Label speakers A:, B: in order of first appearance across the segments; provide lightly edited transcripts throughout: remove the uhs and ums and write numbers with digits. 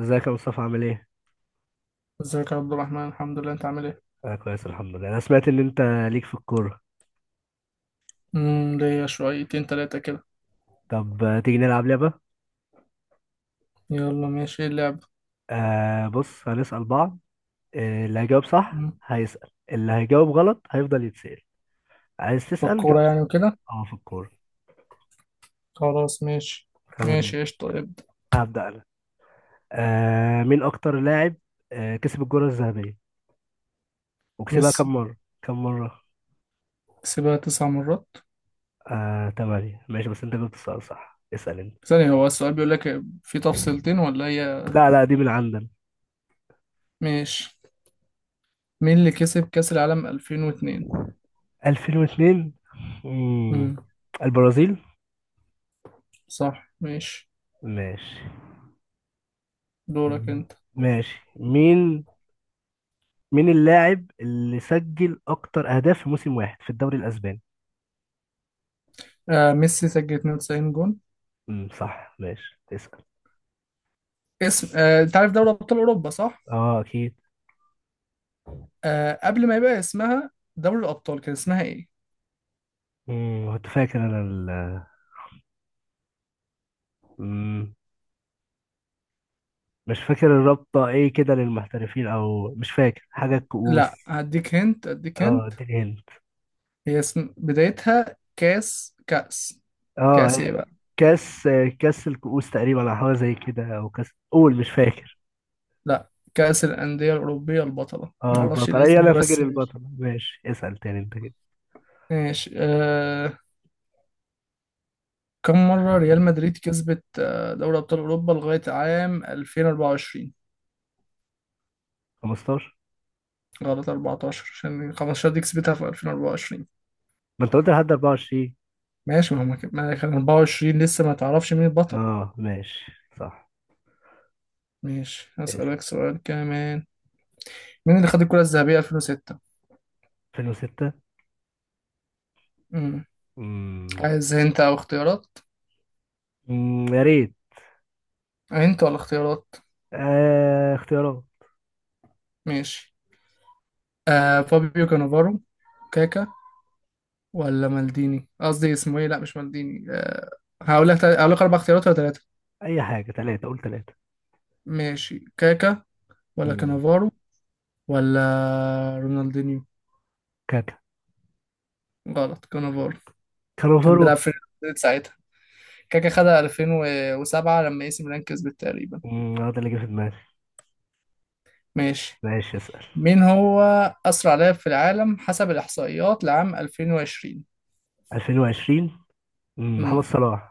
A: ازيك يا مصطفى عامل ايه؟
B: ازيك يا عبد الرحمن، الحمد لله. انت عامل ايه؟
A: انا كويس الحمد لله. انا سمعت ان انت ليك في الكورة.
B: ليا شويتين تلاتة كده.
A: طب تيجي نلعب لعبة.
B: يلا ماشي، ايه اللعب؟
A: بص هنسأل بعض. اللي هيجاوب صح
B: مم.
A: هيسأل، اللي هيجاوب غلط هيفضل يتسأل. عايز
B: في
A: تسأل
B: الكورة
A: جاوب
B: يعني
A: صح.
B: وكده.
A: اه في الكورة.
B: خلاص ماشي.
A: تمام
B: ماشي،
A: ماشي.
B: ايش طيب.
A: هبدأ انا. مين اكتر لاعب كسب الكرة الذهبية؟ وكسبها
B: ميسي.
A: كم مرة؟ كم مرة؟
B: كسبها 9 مرات.
A: تمانية. ماشي، بس انت جبت السؤال صح، اسأل انت.
B: ثانية، هو السؤال بيقول لك في تفصيلتين ولا هي؟
A: لا لا، دي من عندنا.
B: ماشي. مين اللي كسب كأس العالم 2002؟
A: 2002. مم.
B: امم
A: البرازيل.
B: صح ماشي.
A: ماشي.
B: دورك انت.
A: ماشي. مين اللاعب اللي سجل اكتر اهداف في موسم واحد في الدوري الاسباني؟
B: ميسي سجل 92 جون.
A: صح ماشي، تسأل.
B: اسم، انت عارف دوري ابطال اوروبا صح؟
A: اه اكيد.
B: قبل ما يبقى اسمها دوري الابطال، كان اسمها ايه؟
A: كنت فاكر انا ال... مم. مش فاكر الرابطة ايه كده للمحترفين، او مش فاكر حاجة الكؤوس.
B: لا، هديك هنت هديك
A: اه
B: هنت
A: اديني هند.
B: هي اسم بدايتها كأس كأس
A: اه
B: ايه بقى؟
A: كاس كاس الكؤوس تقريبا، او حاجة زي كده، او كاس. قول مش فاكر.
B: لا، كأس الأندية الأوروبية البطلة،
A: اه
B: معرفش
A: البطل، اي
B: الاسم
A: انا
B: ده بس
A: فاكر
B: ماشي.
A: البطل. ماشي اسأل تاني انت كده.
B: ماشي كم مرة ريال مدريد كسبت دوري أبطال أوروبا لغاية عام 2024؟
A: 15.
B: غلط. 14 عشان 15 دي كسبتها في 2024.
A: ما انت قلت لحد 24.
B: ماشي. ما هم كان ما كان 24 لسه ما تعرفش مين البطل.
A: اه ماشي. صح.
B: ماشي،
A: اسأل.
B: هسألك سؤال كمان. مين اللي خد الكرة الذهبية 2006؟
A: 2006.
B: امم
A: امم
B: عايز انت او اختيارات؟
A: يا ريت.
B: انت ولا اختيارات؟
A: اختيارات.
B: ماشي. فابيو كانافارو، كاكا ولا مالديني. قصدي اسمه ايه، لا مش مالديني. هقول لك اربع اختيارات ولا ثلاثه؟
A: اي حاجة ثلاثة، قول ثلاثة.
B: ماشي. كاكا ولا
A: امم
B: كانافارو ولا رونالدينيو؟
A: كاكا.
B: غلط، كانافارو. كان
A: كالوفارو.
B: بيلعب في ريال مدريد ساعتها. كاكا خدها 2007 لما اي سي ميلان كسبت تقريبا.
A: هو ده اللي جه في دماغي.
B: ماشي.
A: ماشي اسأل.
B: مين هو اسرع لاعب في العالم حسب الاحصائيات لعام 2020؟
A: 2020. محمد
B: امم
A: صلاح.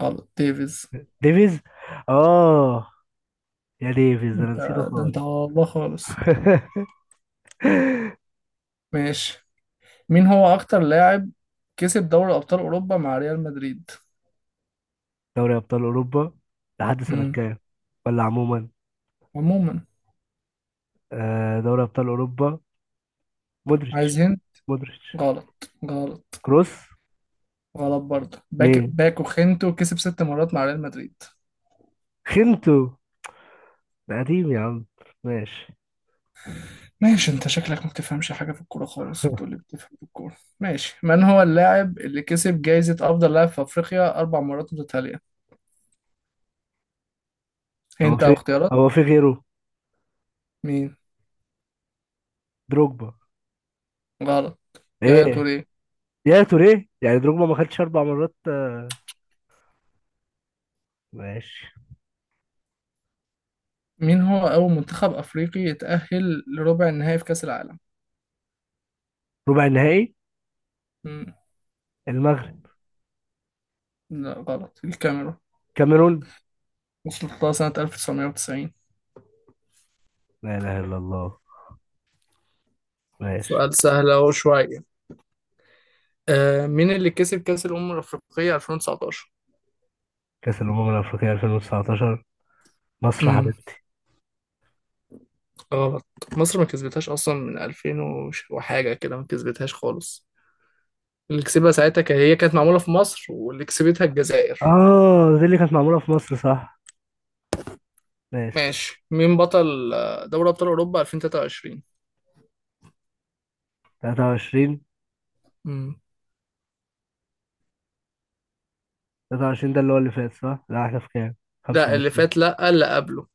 B: غلط، ديفيز.
A: ديفيز. اه يا ديفيز، ده انا
B: انت،
A: نسيته
B: ده انت على
A: خالص.
B: الله خالص. ماشي. مين هو أكتر لاعب كسب دوري أبطال أوروبا مع ريال مدريد؟
A: دوري ابطال اوروبا. لحد سنة
B: مم.
A: كام؟ ولا عموما؟
B: عموما.
A: دوري ابطال اوروبا. مودريتش.
B: عايزين.
A: مودريتش.
B: غلط غلط
A: كروس.
B: غلط، برضه. باك
A: مين؟
B: باكو خينتو كسب 6 مرات مع ريال مدريد.
A: خنتو؟ ده قديم يا عم. ماشي.
B: ماشي، انت شكلك ما بتفهمش حاجة في الكورة خالص وتقول لي بتفهم في الكورة. ماشي، من هو اللاعب اللي كسب جايزة أفضل لاعب في أفريقيا 4 مرات متتالية؟
A: هو
B: انت على
A: في
B: الاختيارات.
A: هو في غيره؟
B: مين؟
A: دروجبا.
B: غلط، يايا
A: ايه.
B: توريه.
A: يا توريه؟ يعني دروجبا ما خدش اربع مرات. ماشي.
B: مين هو أول منتخب أفريقي يتأهل لربع النهائي في كأس العالم؟
A: ربع النهائي.
B: مم.
A: المغرب.
B: لا غلط، الكاميرون.
A: كاميرون.
B: ده سنة 1990.
A: لا اله الا الله. ماشي.
B: سؤال سهل اهو شوية. آه، مين اللي كسب كأس الأمم الأفريقية 2019؟
A: كاس الامم الافريقيه 2019. مصر
B: امم
A: حبيبتي.
B: غلط. مصر ما كسبتهاش أصلا من 2000 وحاجة كده، ما كسبتهاش خالص. اللي كسبها ساعتها هي كانت معمولة في مصر، واللي كسبتها الجزائر.
A: اه دي اللي كانت معموله في مصر، صح. ماشي.
B: ماشي. مين بطل دوري أبطال أوروبا 2023؟
A: 23.
B: امم
A: 23 ده اللي هو اللي فات صح؟ لا احنا في كام؟
B: لا، اللي
A: 25.
B: فات. لا، اللي قبله.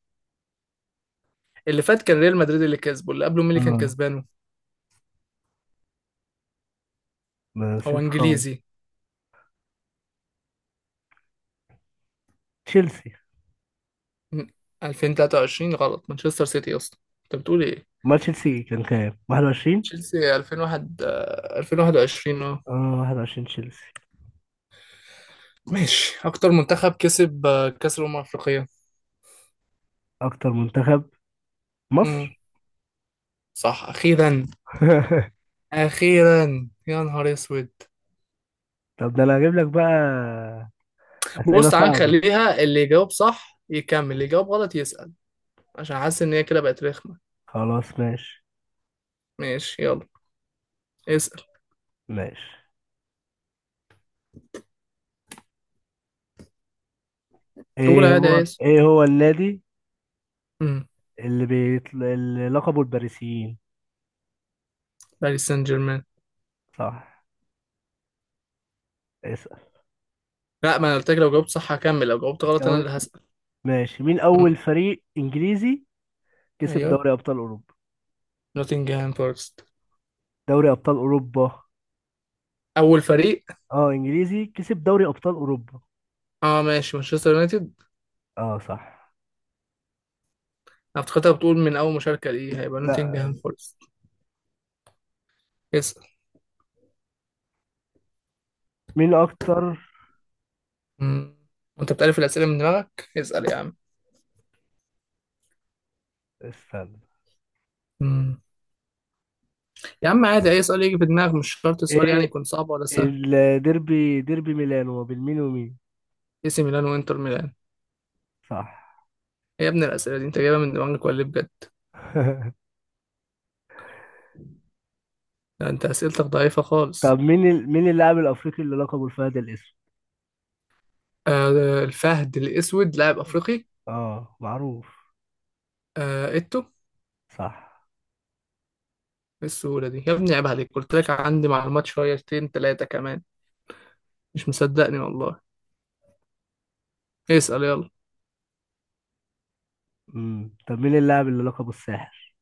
B: اللي فات كان ريال مدريد اللي كسبه، اللي قبله مين اللي كان
A: اه
B: كسبانه؟
A: ما
B: هو
A: نسيت خالص.
B: إنجليزي.
A: تشيلسي.
B: مم، 2023 غلط. مانشستر سيتي أصلا. أنت بتقول إيه؟
A: ما تشيلسي كان كام؟ 21؟
B: تشيلسي 2001، آه، 2021. اه
A: اه 21 تشيلسي.
B: ماشي. اكتر منتخب كسب كاس الامم الافريقيه.
A: اكتر منتخب.
B: امم
A: مصر.
B: صح اخيرا. اخيرا يا نهار اسود.
A: طب ده انا هجيب لك بقى اسئله
B: بص تعالى
A: صعبه.
B: نخليها اللي يجاوب صح يكمل، اللي يجاوب غلط يسأل. عشان حاسس ان هي كده بقت رخمه.
A: خلاص ماشي.
B: ماشي يلا. اسأل.
A: ماشي.
B: قول
A: ايه
B: عادي
A: هو
B: يا اسم.
A: ايه هو النادي
B: امم
A: اللي لقبه الباريسيين؟
B: باريس سان جيرمان.
A: صح. اسال.
B: لا، ما انا قلت لك لو جاوبت صح هكمل، لو جاوبت غلط انا اللي
A: هتكون.
B: هسأل.
A: ماشي، مين
B: امم
A: اول فريق انجليزي كسب
B: ايوه.
A: دوري ابطال اوروبا؟
B: نوتنجهام فورست.
A: دوري ابطال اوروبا.
B: اول فريق.
A: اه انجليزي كسب دوري ابطال اوروبا.
B: اه ماشي، مانشستر يونايتد.
A: اه صح.
B: أنا افتكرتها بتقول من أول مشاركة، ليه هيبقى
A: لا.
B: نوتنجهام فورست. اسأل.
A: مين اكتر
B: مم. وأنت بتعرف الأسئلة من دماغك؟ اسأل يا عم.
A: استنى.
B: مم. يا عم عادي، أي سؤال يجي في دماغك، مش شرط السؤال يعني
A: ايه
B: يكون صعب ولا سهل.
A: ديربي ميلانو ما بين مين ومين؟
B: اي سي ميلان وإنتر ميلان.
A: صح.
B: إيه يا ابني الأسئلة دي، أنت جايبها من دماغك ولا إيه بجد؟ ده أنت أسئلتك ضعيفة
A: طب
B: خالص.
A: مين اللاعب الافريقي اللي لقبه الفهد الاسود؟
B: الفهد الأسود لاعب أفريقي.
A: اه معروف.
B: إيتو إيه.
A: صح.
B: السهولة دي يا ابني عيب عليك. قلت لك عندي معلومات شويتين تلاتة كمان، مش مصدقني والله. اسأل يلا.
A: طب مين اللاعب اللي لقبه الساحر؟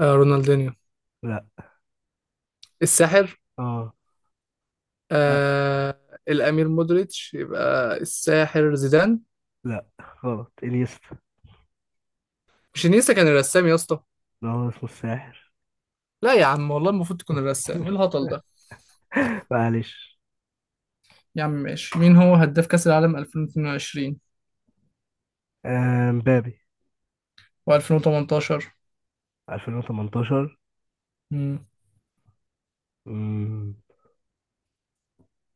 B: رونالدينيو.
A: لا.
B: الساحر.
A: اه. لا.
B: آه الأمير مودريتش يبقى الساحر زيدان.
A: لا غلط. انيستا.
B: مش انيستا، كان الرسام يا اسطى.
A: ده هو اسمه الساحر.
B: لا يا عم والله، المفروض تكون الرسام. ايه الهطل ده؟
A: معلش.
B: يا عم ماشي. مين هو هداف كأس العالم 2022؟
A: مبابي.
B: و2018؟
A: 2018.
B: امم
A: امم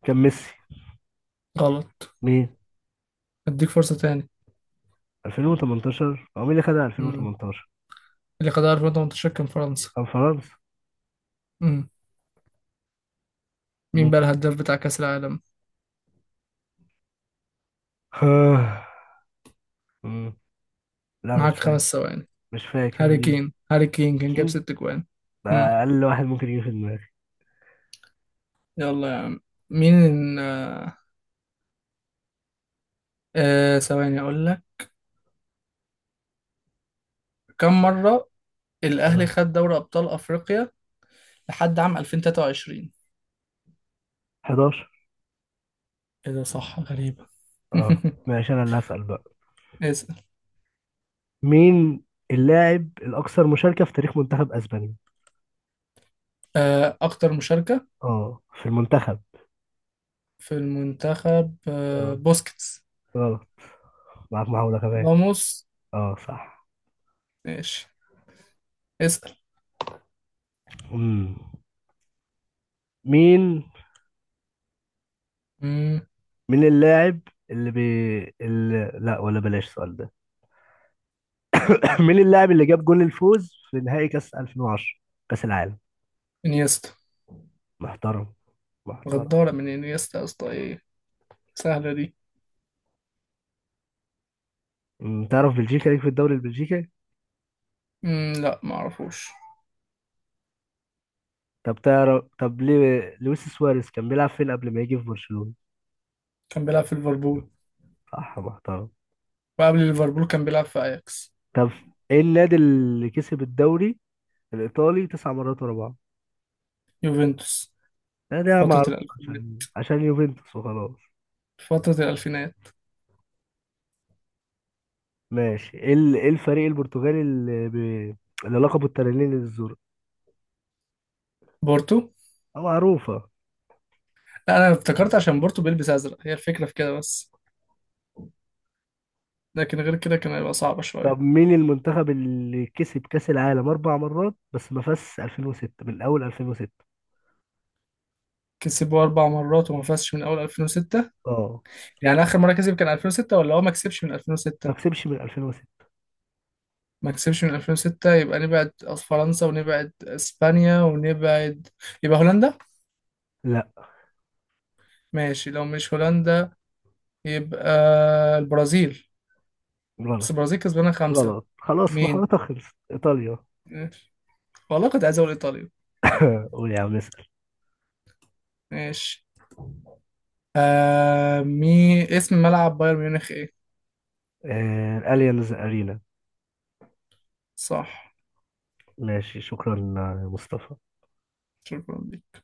A: كان ميسي.
B: غلط.
A: مين؟
B: اديك فرصة تاني.
A: 2018 هو مين اللي خدها
B: امم
A: 2018؟
B: اللي خدها 2018 كان فرنسا.
A: كان فرنسا.
B: امم مين بقى
A: مين؟
B: الهداف بتاع كأس العالم؟
A: آه، مم. لا مش
B: معاك
A: فاكر.
B: 5 ثواني.
A: مش فاكر
B: هاري
A: مين.
B: كين. هاري كين كان جاب
A: كين.
B: 6 جوان.
A: ده
B: امم
A: اقل واحد ممكن يجي في دماغي.
B: يلا يا عم. مين؟ آه ثواني اقول لك. كم مرة الأهلي
A: اه.
B: خد دوري أبطال أفريقيا لحد عام 2023؟
A: 11.
B: إيه ده صح، غريبة.
A: اه ماشي انا اللي هسأل بقى.
B: اسأل.
A: مين اللاعب الاكثر مشاركة في تاريخ منتخب اسبانيا؟
B: أكتر مشاركة.
A: اه في المنتخب.
B: في المنتخب،
A: اه.
B: بوسكيتس.
A: غلط. معاك محاولة كمان.
B: راموس.
A: اه صح.
B: ماشي. اسأل.
A: مم. مين؟
B: مم،
A: مين اللاعب اللي بي... اللي... لا، ولا بلاش السؤال ده. مين اللاعب اللي جاب جول الفوز في نهائي كاس 2010؟ كاس العالم.
B: إنيستا.
A: محترم. محترم.
B: غدارة من إنيستا يا اسطى إيه. سهلة دي.
A: تعرف بلجيكا ليك في الدوري البلجيكي؟
B: مم، لا معرفوش.
A: طب تعرف. طب ليه لويس سواريز كان بيلعب فين قبل ما يجي في برشلونة؟
B: كان بيلعب في ليفربول.
A: صح محترم.
B: وقبل ليفربول كان بيلعب في أياكس.
A: طب ايه النادي اللي كسب الدوري الايطالي تسع مرات ورا بعض؟
B: يوفنتوس.
A: ده
B: فترة
A: معروف
B: الألفينات
A: عشان يوفنتوس وخلاص.
B: فترة الألفينات
A: ماشي إيه الفريق البرتغالي اللي لقبه التنانين الزرق؟
B: بورتو.
A: معروفة.
B: لا، أنا افتكرت عشان بورتو بيلبس أزرق هي الفكرة في كده بس، لكن غير كده كان هيبقى صعب
A: طب
B: شوية.
A: مين المنتخب اللي كسب كأس العالم أربع مرات بس ما فازش 2006 من أول 2006؟
B: كسبوا 4 مرات وما فازش من أول 2006.
A: اه
B: يعني آخر مرة كسب كان 2006 ولا هو ما كسبش من
A: ما
B: 2006؟
A: كسبش من 2006.
B: ما كسبش من 2006. يبقى نبعد فرنسا ونبعد إسبانيا ونبعد، يبقى هولندا.
A: لا.
B: ماشي، لو مش هولندا يبقى البرازيل. بس
A: غلط.
B: البرازيل كسبانة خمسة.
A: غلط. خلاص
B: مين؟
A: محاولتها خلصت. إيطاليا.
B: والله كنت عايز أقول إيطاليا.
A: قول يا عم اسأل.
B: ماشي. آه مي اسم ملعب بايرن ميونخ إيه؟
A: الأليانز أرينا.
B: صح.
A: ماشي، شكرا يا مصطفى.
B: شكرا.